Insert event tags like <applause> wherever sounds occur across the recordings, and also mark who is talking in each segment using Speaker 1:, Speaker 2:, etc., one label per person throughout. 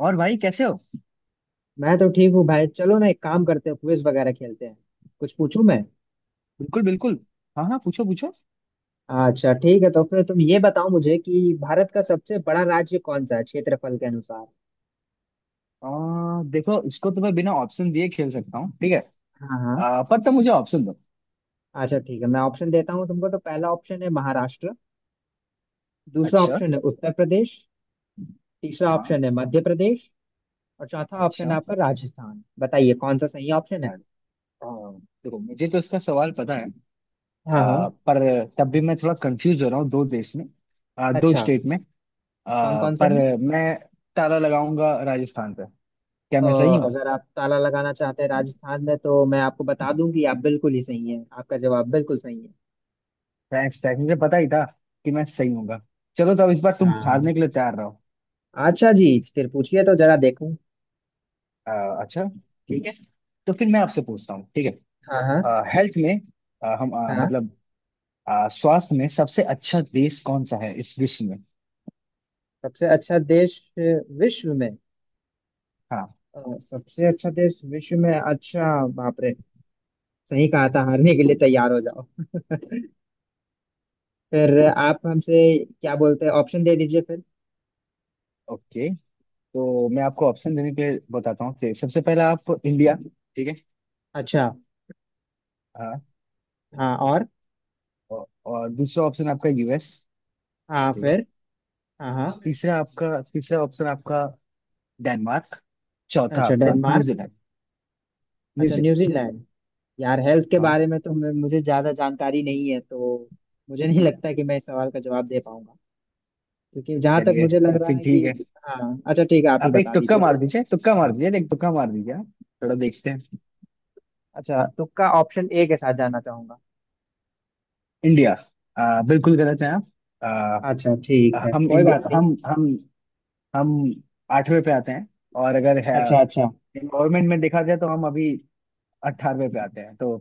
Speaker 1: और भाई, कैसे हो?
Speaker 2: मैं तो ठीक हूँ भाई। चलो ना, एक काम करते हैं, क्विज वगैरह खेलते हैं। कुछ पूछूं मैं?
Speaker 1: बिल्कुल बिल्कुल। हाँ हाँ, पूछो पूछो।
Speaker 2: अच्छा ठीक है, तो फिर तुम ये बताओ मुझे कि भारत का सबसे बड़ा राज्य कौन सा है क्षेत्रफल के अनुसार?
Speaker 1: देखो, इसको तो मैं बिना ऑप्शन दिए खेल सकता हूँ, ठीक है।
Speaker 2: हाँ हाँ।
Speaker 1: पर तुम मुझे ऑप्शन दो।
Speaker 2: अच्छा ठीक है, मैं ऑप्शन देता हूँ तुमको। तो पहला ऑप्शन है महाराष्ट्र। दूसरा
Speaker 1: अच्छा।
Speaker 2: ऑप्शन है उत्तर प्रदेश। तीसरा
Speaker 1: हाँ।
Speaker 2: ऑप्शन है मध्य प्रदेश। और चौथा ऑप्शन
Speaker 1: अच्छा।
Speaker 2: है आपका राजस्थान। बताइए कौन सा सही ऑप्शन है?
Speaker 1: आ, देखो, मुझे तो इसका सवाल पता है।
Speaker 2: हाँ हाँ।
Speaker 1: पर तब भी मैं थोड़ा कंफ्यूज हो रहा हूँ दो देश में। दो
Speaker 2: अच्छा।
Speaker 1: स्टेट में।
Speaker 2: कौन कौन से
Speaker 1: पर
Speaker 2: में?
Speaker 1: मैं ताला लगाऊंगा राजस्थान पे। क्या
Speaker 2: अ,
Speaker 1: मैं सही हूँ?
Speaker 2: अगर आप ताला लगाना चाहते हैं राजस्थान में, तो मैं आपको बता दूं कि आप बिल्कुल ही सही हैं, आपका जवाब बिल्कुल सही है।
Speaker 1: थैंक्स थैंक्स, मुझे पता ही था कि मैं सही हूँगा। चलो, तो अब इस बार तुम
Speaker 2: हाँ।
Speaker 1: हारने के लिए तैयार रहो।
Speaker 2: अच्छा जी। फिर पूछिए तो जरा देखूं।
Speaker 1: आ, अच्छा, ठीक है। तो फिर मैं आपसे पूछता हूँ, ठीक है।
Speaker 2: हाँ हाँ।
Speaker 1: हेल्थ में, हम
Speaker 2: हाँ।
Speaker 1: मतलब, स्वास्थ्य में सबसे अच्छा देश कौन सा है इस विश्व में?
Speaker 2: सबसे अच्छा देश विश्व में?
Speaker 1: हाँ।
Speaker 2: सबसे अच्छा देश विश्व में, अच्छा। बाप रे। सही कहा था, हारने के लिए तैयार हो जाओ। <laughs> फिर आप हमसे क्या बोलते हैं, ऑप्शन दे दीजिए फिर।
Speaker 1: ओके, तो मैं आपको ऑप्शन देने के लिए बताता हूँ कि सबसे पहला आप इंडिया। ठीक है।
Speaker 2: अच्छा।
Speaker 1: हाँ।
Speaker 2: हाँ और?
Speaker 1: औ- और दूसरा ऑप्शन आपका यूएस।
Speaker 2: हाँ,
Speaker 1: ठीक है।
Speaker 2: फिर? हाँ हाँ।
Speaker 1: तीसरा ऑप्शन आपका डेनमार्क। चौथा
Speaker 2: अच्छा,
Speaker 1: आपका
Speaker 2: डेनमार्क।
Speaker 1: न्यूजीलैंड।
Speaker 2: अच्छा,
Speaker 1: न्यूजीलैंड।
Speaker 2: न्यूजीलैंड। यार, हेल्थ के
Speaker 1: हाँ।
Speaker 2: बारे में तो मुझे ज्यादा जानकारी नहीं है, तो मुझे नहीं लगता कि मैं इस सवाल का जवाब दे पाऊंगा, क्योंकि जहां तक
Speaker 1: चलिए,
Speaker 2: मुझे लग
Speaker 1: तो
Speaker 2: रहा
Speaker 1: फिर
Speaker 2: है कि।
Speaker 1: ठीक है।
Speaker 2: हाँ। अच्छा ठीक है, आप ही
Speaker 1: आप एक
Speaker 2: बता
Speaker 1: तुक्का
Speaker 2: दीजिए
Speaker 1: मार
Speaker 2: फिर।
Speaker 1: दीजिए, तुक्का मार दीजिए, एक तुक्का मार दीजिए आप। थोड़ा देखते हैं।
Speaker 2: अच्छा, तुक्का, ऑप्शन ए के साथ जाना चाहूंगा।
Speaker 1: इंडिया। बिल्कुल गलत है। आप।
Speaker 2: अच्छा ठीक है,
Speaker 1: हम
Speaker 2: कोई बात
Speaker 1: इंडिया,
Speaker 2: नहीं।
Speaker 1: हम आठवें पे आते हैं। और अगर है
Speaker 2: अच्छा अच्छा।
Speaker 1: एनवायरमेंट में देखा जाए तो हम अभी 18वें पे आते हैं, तो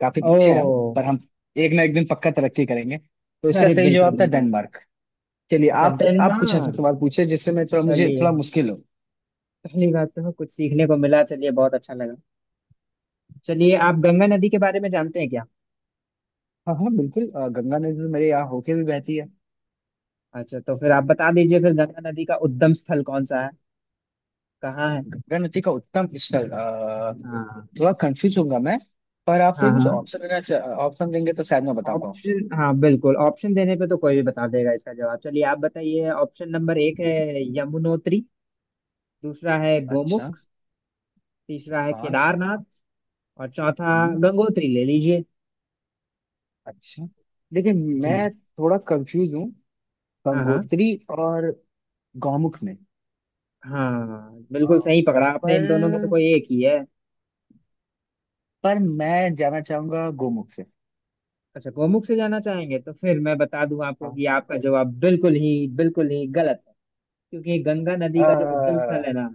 Speaker 1: काफी पीछे हैं हम,
Speaker 2: ओ।
Speaker 1: पर हम एक ना एक दिन पक्का तरक्की करेंगे। तो इसका
Speaker 2: अरे
Speaker 1: सही
Speaker 2: बिल्कुल
Speaker 1: जवाब था
Speaker 2: बिल्कुल।
Speaker 1: डेनमार्क। चलिए,
Speaker 2: अच्छा,
Speaker 1: आप कुछ ऐसा
Speaker 2: डेनमार्क।
Speaker 1: सवाल पूछे जिससे मैं थोड़ा मुझे
Speaker 2: चलिए।
Speaker 1: थोड़ा मुश्किल हो।
Speaker 2: पहली बात तो कुछ सीखने को मिला, चलिए बहुत अच्छा लगा। चलिए, आप गंगा नदी के बारे में जानते हैं क्या?
Speaker 1: हाँ हाँ, बिल्कुल। गंगा नदी तो मेरे यहाँ होके भी बहती है।
Speaker 2: अच्छा तो फिर आप बता दीजिए फिर, गंगा नदी का उद्गम स्थल कौन सा है? कहाँ है?
Speaker 1: गंगा नदी का उद्गम स्थल,
Speaker 2: हाँ
Speaker 1: थोड़ा कंफ्यूज होगा मैं। पर आप
Speaker 2: हाँ।
Speaker 1: थोड़ा
Speaker 2: हाँ।
Speaker 1: मुझे ऑप्शन देना। ऑप्शन देंगे तो शायद मैं बता पाऊँ।
Speaker 2: ऑप्शन? हाँ बिल्कुल, ऑप्शन देने पे तो कोई भी बता देगा इसका जवाब। चलिए आप बताइए, ऑप्शन नंबर एक है यमुनोत्री। दूसरा है
Speaker 1: अच्छा।
Speaker 2: गोमुख। तीसरा है
Speaker 1: हाँ।
Speaker 2: केदारनाथ। और चौथा
Speaker 1: हम्म।
Speaker 2: गंगोत्री, ले लीजिए।
Speaker 1: अच्छा। लेकिन
Speaker 2: जी।
Speaker 1: मैं थोड़ा कंफ्यूज हूँ,
Speaker 2: हाँ हाँ।
Speaker 1: गंगोत्री और गौमुख में।
Speaker 2: हाँ बिल्कुल
Speaker 1: अ,
Speaker 2: सही पकड़ा
Speaker 1: पर
Speaker 2: आपने, इन दोनों में से कोई एक ही है।
Speaker 1: पर मैं जाना चाहूंगा गोमुख से।
Speaker 2: अच्छा, गोमुख से जाना चाहेंगे, तो फिर मैं बता दूं आपको
Speaker 1: हाँ।
Speaker 2: कि आपका जवाब बिल्कुल ही गलत है। क्योंकि गंगा
Speaker 1: अ,
Speaker 2: नदी का जो उद्गम स्थल है ना,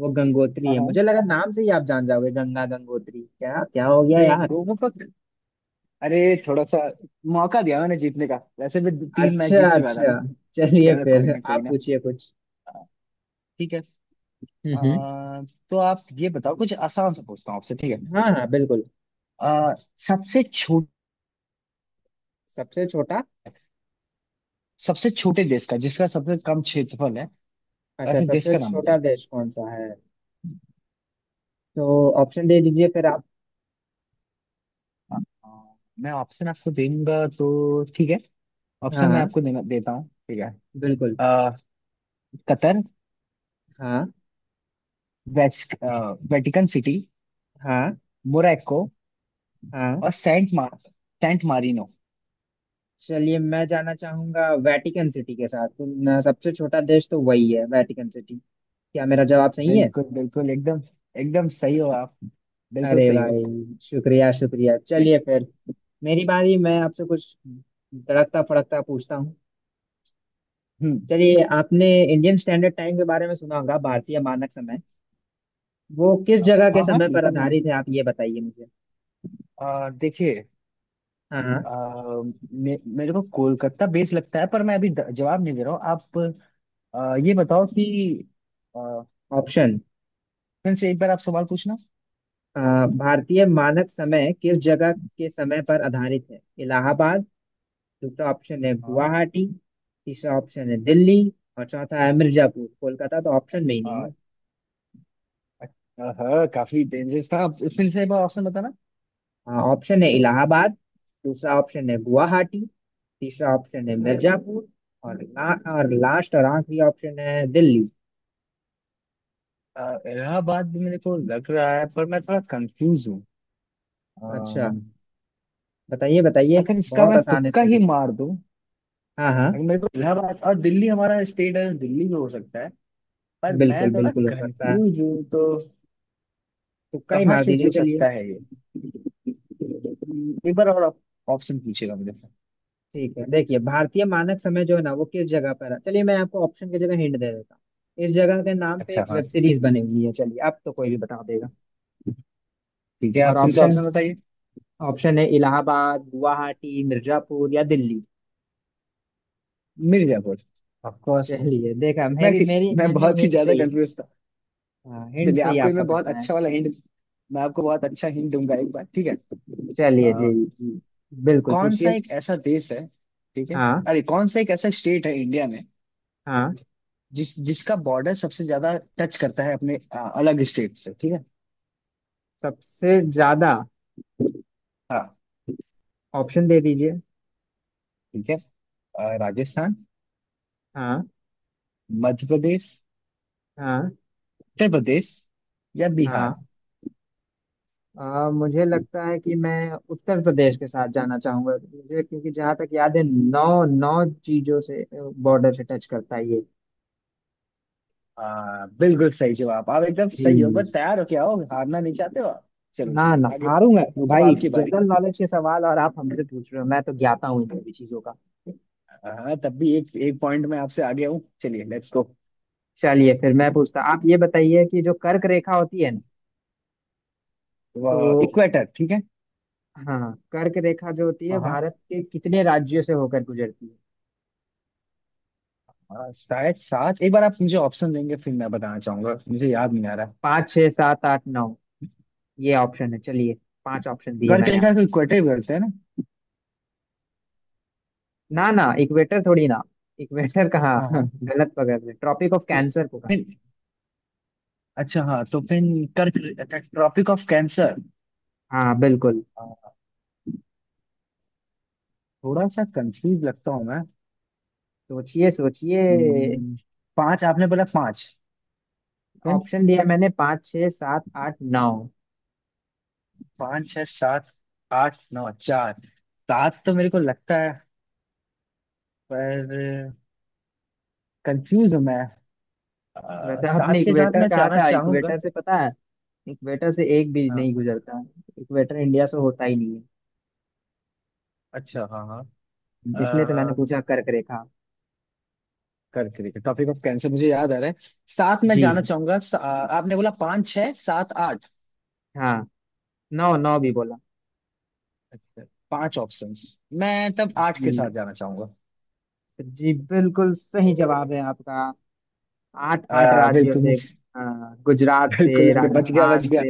Speaker 2: वो गंगोत्री
Speaker 1: हाँ
Speaker 2: है।
Speaker 1: हाँ,
Speaker 2: मुझे लगा नाम से ही आप जान जाओगे, गंगा गंगोत्री, क्या क्या हो गया
Speaker 1: नहीं
Speaker 2: यार।
Speaker 1: गोमुख का। अरे, थोड़ा सा मौका दिया मैंने जीतने का, वैसे भी दो- तीन मैच
Speaker 2: अच्छा
Speaker 1: जीत चुका था।
Speaker 2: अच्छा। चलिए
Speaker 1: चलो कोई
Speaker 2: फिर
Speaker 1: ना, कोई
Speaker 2: आप
Speaker 1: ना।
Speaker 2: पूछिए कुछ।
Speaker 1: अ, ठीक है। अ,
Speaker 2: हम्म।
Speaker 1: तो आप ये बताओ, कुछ आसान सा पूछता हूँ आपसे, ठीक है।
Speaker 2: हाँ हाँ बिल्कुल।
Speaker 1: अ, सबसे छोट
Speaker 2: सबसे छोटा?
Speaker 1: सबसे छोटे देश का, जिसका सबसे कम क्षेत्रफल है,
Speaker 2: अच्छा,
Speaker 1: ऐसे देश
Speaker 2: सबसे
Speaker 1: का नाम
Speaker 2: छोटा
Speaker 1: बताइए।
Speaker 2: देश कौन सा है? तो ऑप्शन दे दीजिए फिर आप।
Speaker 1: हाँ, हाँ, मैं ऑप्शन आपको देऊंगा तो ठीक है।
Speaker 2: हाँ
Speaker 1: ऑप्शन मैं
Speaker 2: हाँ
Speaker 1: आपको देना देता हूँ, ठीक है।
Speaker 2: बिल्कुल।
Speaker 1: अ, कतर,
Speaker 2: हाँ।
Speaker 1: वेस्ट वेटिकन सिटी,
Speaker 2: हाँ।
Speaker 1: मोरक्को,
Speaker 2: हाँ।
Speaker 1: और सेंट मारिनो।
Speaker 2: चलिए, मैं जाना चाहूंगा वेटिकन सिटी के साथ। तुम सबसे छोटा देश तो वही है, वेटिकन सिटी। क्या मेरा जवाब सही है?
Speaker 1: बिल्कुल बिल्कुल, एकदम, एकदम सही हो आप, बिल्कुल
Speaker 2: अरे
Speaker 1: सही हो।
Speaker 2: भाई, शुक्रिया शुक्रिया। चलिए
Speaker 1: चलिए।
Speaker 2: फिर, मेरी बारी। मैं आपसे कुछ तड़कता फड़कता पूछता हूँ।
Speaker 1: हम्म।
Speaker 2: चलिए, आपने इंडियन स्टैंडर्ड टाइम के बारे में सुना होगा, भारतीय मानक समय। वो किस
Speaker 1: अ,
Speaker 2: जगह के
Speaker 1: हाँ हाँ,
Speaker 2: समय पर
Speaker 1: बिल्कुल मैं,
Speaker 2: आधारित है, आप ये बताइए मुझे।
Speaker 1: देखिए,
Speaker 2: हाँ हाँ।
Speaker 1: अ, मेरे को कोलकाता बेस लगता है, पर मैं अभी जवाब नहीं दे रहा हूँ। आप ये बताओ कि, अ,
Speaker 2: ऑप्शन।
Speaker 1: फिर से एक बार आप सवाल पूछना।
Speaker 2: अ, भारतीय मानक समय किस जगह के समय पर आधारित है? इलाहाबाद। दूसरा ऑप्शन है गुवाहाटी। तीसरा ऑप्शन है दिल्ली। और चौथा है मिर्जापुर। कोलकाता तो ऑप्शन में ही नहीं
Speaker 1: हाँ।
Speaker 2: है।
Speaker 1: हाँ, काफी डेंजरस था। अब फिर से एक बार ऑप्शन बताना।
Speaker 2: हाँ, ऑप्शन है इलाहाबाद। दूसरा ऑप्शन है गुवाहाटी। तीसरा ऑप्शन है मिर्जापुर। और और लास्ट, और आखिरी ऑप्शन है दिल्ली।
Speaker 1: अ, इलाहाबाद भी मेरे को लग रहा है, पर मैं थोड़ा कंफ्यूज हूँ।
Speaker 2: अच्छा।
Speaker 1: अम,
Speaker 2: बताइए बताइए,
Speaker 1: अगर इसका
Speaker 2: बहुत
Speaker 1: मैं
Speaker 2: आसान है
Speaker 1: तुक्का
Speaker 2: इसका
Speaker 1: ही
Speaker 2: जवाब।
Speaker 1: मार दूं,
Speaker 2: हाँ हाँ।
Speaker 1: अगर मेरे को इलाहाबाद और दिल्ली, हमारा स्टेट है दिल्ली में हो सकता है। पर
Speaker 2: बिल्कुल
Speaker 1: मैं थोड़ा
Speaker 2: बिल्कुल हो सकता है।
Speaker 1: कंफ्यूज हूँ, तो
Speaker 2: तुक्का ही
Speaker 1: कहाँ
Speaker 2: मार
Speaker 1: से
Speaker 2: दीजिए,
Speaker 1: हो
Speaker 2: चलिए।
Speaker 1: सकता है ये? एक बार और ऑप्शन पूछेगा मुझे।
Speaker 2: ठीक है, देखिए, भारतीय मानक समय जो है ना वो किस जगह पर है। चलिए मैं आपको ऑप्शन की जगह हिंट दे देता हूँ। इस जगह के नाम पे
Speaker 1: अच्छा,
Speaker 2: एक
Speaker 1: हाँ।
Speaker 2: वेब सीरीज बनी हुई है, चलिए अब तो कोई भी बता देगा।
Speaker 1: ठीक है,
Speaker 2: और
Speaker 1: आप फिर से
Speaker 2: ऑप्शन?
Speaker 1: ऑप्शन बताइए।
Speaker 2: ऑप्शन है इलाहाबाद, गुवाहाटी, मिर्जापुर या दिल्ली।
Speaker 1: मिर्जापुर। Of course.
Speaker 2: चलिए, देखा,
Speaker 1: मैं
Speaker 2: मेरी मेरी
Speaker 1: मैं
Speaker 2: मैंने
Speaker 1: बहुत ही
Speaker 2: हिंट से
Speaker 1: ज्यादा
Speaker 2: ही।
Speaker 1: कंफ्यूज था।
Speaker 2: हाँ, हिंट
Speaker 1: चलिए,
Speaker 2: से ही
Speaker 1: आपको ये
Speaker 2: आप
Speaker 1: मैं
Speaker 2: पकड़
Speaker 1: बहुत
Speaker 2: पाए।
Speaker 1: अच्छा वाला हिंट, मैं आपको बहुत अच्छा हिंट दूंगा एक बार, ठीक है।
Speaker 2: चलिए
Speaker 1: आ,
Speaker 2: जी जी। बिल्कुल
Speaker 1: कौन सा
Speaker 2: पूछिए।
Speaker 1: एक ऐसा देश है, ठीक है।
Speaker 2: हाँ
Speaker 1: अरे, कौन सा एक ऐसा स्टेट है इंडिया में
Speaker 2: हाँ।
Speaker 1: जिसका बॉर्डर सबसे ज्यादा टच करता है अपने अलग स्टेट से, ठीक है।
Speaker 2: सबसे ज्यादा?
Speaker 1: हाँ।
Speaker 2: ऑप्शन दे दीजिए।
Speaker 1: ठीक है। राजस्थान,
Speaker 2: हाँ
Speaker 1: मध्य प्रदेश,
Speaker 2: हाँ
Speaker 1: उत्तर प्रदेश, या बिहार।
Speaker 2: हाँ। आ, मुझे लगता है कि मैं उत्तर प्रदेश के साथ जाना चाहूंगा। मुझे, क्योंकि जहाँ तक याद है नौ नौ चीजों से, बॉर्डर से टच करता है ये।
Speaker 1: बिल्कुल सही जवाब। आप एकदम
Speaker 2: जी।
Speaker 1: सही हो। बस, तैयार हो क्या हो? हारना नहीं चाहते हो आप? चलो
Speaker 2: ना
Speaker 1: चलो
Speaker 2: ना,
Speaker 1: आगे।
Speaker 2: हारूंगा क्यों
Speaker 1: अब
Speaker 2: भाई?
Speaker 1: आपकी बारी।
Speaker 2: जनरल नॉलेज के सवाल और आप हमसे पूछ रहे हो, मैं तो ज्ञाता हूँ इन सभी चीजों का।
Speaker 1: हाँ, तब भी एक एक पॉइंट में आपसे आगे हूँ। चलिए, लेट्स गो।
Speaker 2: चलिए फिर मैं पूछता, आप ये बताइए कि जो कर्क रेखा होती है ना, तो।
Speaker 1: इक्वेटर, ठीक है।
Speaker 2: हाँ, कर्क रेखा जो होती है,
Speaker 1: हाँ हाँ।
Speaker 2: भारत के कितने राज्यों से होकर गुजरती है?
Speaker 1: हाँ, शायद सात। एक बार आप मुझे ऑप्शन देंगे फिर मैं बताना चाहूंगा, मुझे याद नहीं आ रहा।
Speaker 2: पाँच, छः, सात, आठ, नौ, ये ऑप्शन है। चलिए, पांच ऑप्शन दिए
Speaker 1: कर्क
Speaker 2: मैंने
Speaker 1: रेखा को
Speaker 2: आपको।
Speaker 1: इक्वेटर भी बोलते हैं ना?
Speaker 2: ना ना, इक्वेटर थोड़ी ना, इक्वेटर कहाँ!
Speaker 1: हाँ
Speaker 2: <laughs>
Speaker 1: हाँ।
Speaker 2: गलत पकड़ रहे, ट्रॉपिक ऑफ
Speaker 1: तो
Speaker 2: कैंसर को कहा
Speaker 1: फिर, अच्छा, हाँ, तो फिर कर्क, ट्रॉपिक ऑफ कैंसर,
Speaker 2: जाता है। हाँ बिल्कुल।
Speaker 1: थोड़ा सा कंफ्यूज लगता हूँ मैं।
Speaker 2: सोचिए सोचिए।
Speaker 1: हम्म, पांच आपने बोला, पांच। फिर,
Speaker 2: ऑप्शन दिया मैंने, पाँच, छः, सात, आठ, नौ।
Speaker 1: पाँच, छः, सात, आठ, नौ, चार, सात तो मेरे को लगता है, पर कंफ्यूज हूँ मैं।
Speaker 2: वैसे आपने
Speaker 1: सात के साथ
Speaker 2: इक्वेटर
Speaker 1: मैं
Speaker 2: कहा
Speaker 1: जाना
Speaker 2: था,
Speaker 1: चाहूंगा।
Speaker 2: इक्वेटर से पता है इक्वेटर से एक भी
Speaker 1: हाँ।
Speaker 2: नहीं गुजरता। इक्वेटर इंडिया से होता ही नहीं
Speaker 1: अच्छा, हाँ हाँ।
Speaker 2: है, इसलिए तो मैंने
Speaker 1: अह,
Speaker 2: पूछा कर्क रेखा।
Speaker 1: करके देखिए, टॉपिक ऑफ कैंसर मुझे याद आ रहा है, साथ में
Speaker 2: जी।
Speaker 1: जाना चाहूंगा आपने बोला पाँच, छह, सात, आठ।
Speaker 2: हाँ। नौ नौ भी बोला।
Speaker 1: अच्छा, पांच ऑप्शन, मैं तब आठ के साथ
Speaker 2: जी,
Speaker 1: जाना चाहूंगा।
Speaker 2: जी बिल्कुल सही जवाब है आपका। आठ आठ राज्यों
Speaker 1: बिल्कुल
Speaker 2: से। अ,
Speaker 1: मुझे,
Speaker 2: गुजरात
Speaker 1: बिल्कुल
Speaker 2: से,
Speaker 1: बिल्कुल बच गया, बच
Speaker 2: राजस्थान
Speaker 1: गया।
Speaker 2: से,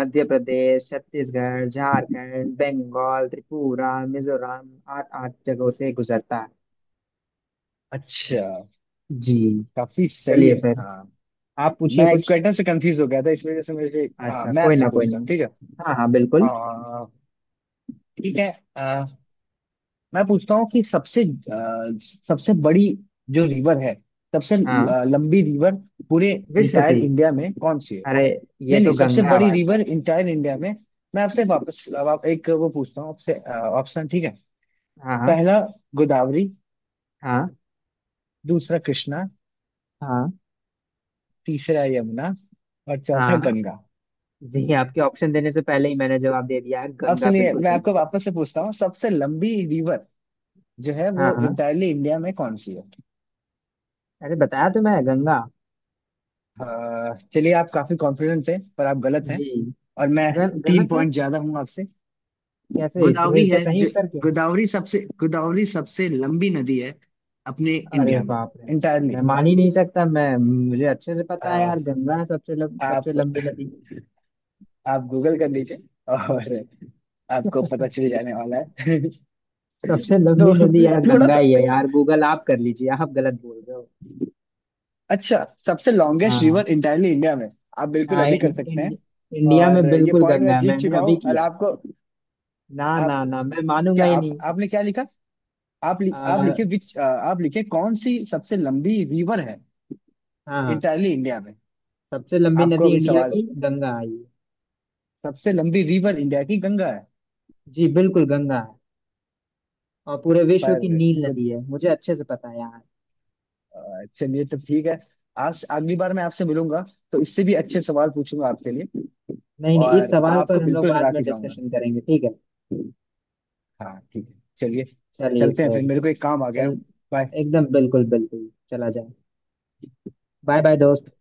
Speaker 2: मध्य प्रदेश, छत्तीसगढ़, झारखंड, बंगाल, त्रिपुरा, मिजोरम, आठ आठ जगहों से गुजरता है।
Speaker 1: अच्छा।
Speaker 2: जी।
Speaker 1: काफी सही
Speaker 2: चलिए
Speaker 1: है,
Speaker 2: फिर
Speaker 1: हाँ।
Speaker 2: आप पूछिए
Speaker 1: मैं
Speaker 2: कुछ।
Speaker 1: इक्वेटर से कंफ्यूज हो गया था, इस वजह से मुझे। हाँ,
Speaker 2: अच्छा,
Speaker 1: मैं
Speaker 2: कोई
Speaker 1: आपसे
Speaker 2: ना कोई
Speaker 1: पूछता
Speaker 2: ना।
Speaker 1: हूँ, ठीक है।
Speaker 2: हाँ हाँ बिल्कुल।
Speaker 1: अह, ठीक है। अह, मैं पूछता हूँ कि सबसे, सबसे बड़ी जो रिवर है, सबसे
Speaker 2: हाँ।
Speaker 1: लंबी रिवर पूरे
Speaker 2: विश्व
Speaker 1: इंटायर
Speaker 2: की?
Speaker 1: इंडिया में कौन सी है?
Speaker 2: अरे
Speaker 1: नहीं
Speaker 2: ये
Speaker 1: नहीं,
Speaker 2: तो
Speaker 1: सबसे
Speaker 2: गंगा है
Speaker 1: बड़ी
Speaker 2: भाई
Speaker 1: रिवर
Speaker 2: साहब।
Speaker 1: इंटायर इंडिया में। मैं आपसे वापस अब, आप एक वो पूछता हूँ आपसे, ऑप्शन, ठीक है।
Speaker 2: हाँ हाँ।
Speaker 1: पहला गोदावरी,
Speaker 2: हाँ
Speaker 1: दूसरा कृष्णा, तीसरा यमुना, और
Speaker 2: हाँ।
Speaker 1: चौथा
Speaker 2: हाँ
Speaker 1: गंगा।
Speaker 2: जी, आपके ऑप्शन देने से पहले ही मैंने जवाब दे दिया है,
Speaker 1: अब
Speaker 2: गंगा
Speaker 1: सुनिए,
Speaker 2: बिल्कुल
Speaker 1: मैं
Speaker 2: सही
Speaker 1: आपको
Speaker 2: है।
Speaker 1: वापस से पूछता हूँ, सबसे लंबी रिवर जो है
Speaker 2: हाँ
Speaker 1: वो
Speaker 2: हाँ।
Speaker 1: इंटायरली इंडिया में कौन सी है?
Speaker 2: अरे बताया तो, मैं, गंगा।
Speaker 1: चलिए, आप काफी कॉन्फिडेंट थे, पर आप गलत हैं।
Speaker 2: जी।
Speaker 1: और मैं तीन
Speaker 2: गलत है?
Speaker 1: पॉइंट ज्यादा हूँ आपसे।
Speaker 2: कैसे? इसमें
Speaker 1: गोदावरी
Speaker 2: इसका
Speaker 1: है
Speaker 2: सही
Speaker 1: जो,
Speaker 2: उत्तर क्या है?
Speaker 1: गोदावरी सबसे लंबी नदी है अपने
Speaker 2: अरे
Speaker 1: इंडिया में,
Speaker 2: बाप रे, मैं
Speaker 1: इंटायरली।
Speaker 2: मान ही नहीं सकता। मैं मुझे अच्छे से पता है यार, गंगा है सबसे सबसे
Speaker 1: आप
Speaker 2: लंबी नदी।
Speaker 1: आप गूगल कर लीजिए, और आपको पता चल जाने वाला है। <laughs>
Speaker 2: सबसे लंबी
Speaker 1: तो
Speaker 2: नदी यार
Speaker 1: थोड़ा
Speaker 2: गंगा
Speaker 1: सा,
Speaker 2: ही है यार, गूगल आप कर लीजिए, आप गलत बोल रहे हो।
Speaker 1: अच्छा, सबसे लॉन्गेस्ट
Speaker 2: हाँ।
Speaker 1: रिवर इंटायरली इंडिया में, आप बिल्कुल
Speaker 2: हाँ
Speaker 1: अभी
Speaker 2: इं,
Speaker 1: कर सकते
Speaker 2: इं,
Speaker 1: हैं।
Speaker 2: इंडिया
Speaker 1: और
Speaker 2: में
Speaker 1: ये
Speaker 2: बिल्कुल
Speaker 1: पॉइंट
Speaker 2: गंगा
Speaker 1: मैं
Speaker 2: है,
Speaker 1: जीत
Speaker 2: मैंने
Speaker 1: चुका
Speaker 2: अभी
Speaker 1: हूँ, और
Speaker 2: किया।
Speaker 1: आपको
Speaker 2: ना ना
Speaker 1: आपको
Speaker 2: ना, मैं मानूंगा
Speaker 1: क्या
Speaker 2: ही
Speaker 1: आप
Speaker 2: नहीं।
Speaker 1: आपने क्या लिखा? आप
Speaker 2: आ,
Speaker 1: लिखे विच, आप लिखे कौन सी सबसे लंबी रिवर है
Speaker 2: हाँ हाँ,
Speaker 1: इंटायरली इंडिया में?
Speaker 2: सबसे लंबी
Speaker 1: आपको
Speaker 2: नदी
Speaker 1: अभी
Speaker 2: इंडिया
Speaker 1: सवाल,
Speaker 2: की गंगा आई है।
Speaker 1: सबसे लंबी रिवर इंडिया की गंगा है?
Speaker 2: जी बिल्कुल गंगा है, और पूरे विश्व
Speaker 1: पर
Speaker 2: की नील
Speaker 1: गुड,
Speaker 2: नदी है, मुझे अच्छे से पता है यार।
Speaker 1: चलिए, तो ठीक है। आज अगली बार मैं आपसे मिलूंगा तो इससे भी अच्छे सवाल पूछूंगा आपके लिए,
Speaker 2: नहीं नहीं, इस
Speaker 1: और
Speaker 2: सवाल पर
Speaker 1: आपको
Speaker 2: हम लोग
Speaker 1: बिल्कुल
Speaker 2: बाद
Speaker 1: हरा
Speaker 2: में
Speaker 1: के जाऊंगा।
Speaker 2: डिस्कशन करेंगे, ठीक है।
Speaker 1: हाँ, ठीक है, चलिए।
Speaker 2: चलिए
Speaker 1: चलते हैं फिर,
Speaker 2: फिर।
Speaker 1: मेरे को एक काम आ गया
Speaker 2: चल।
Speaker 1: है। Bye.
Speaker 2: एकदम बिल्कुल बिल्कुल, चला जाए। बाय बाय दोस्त।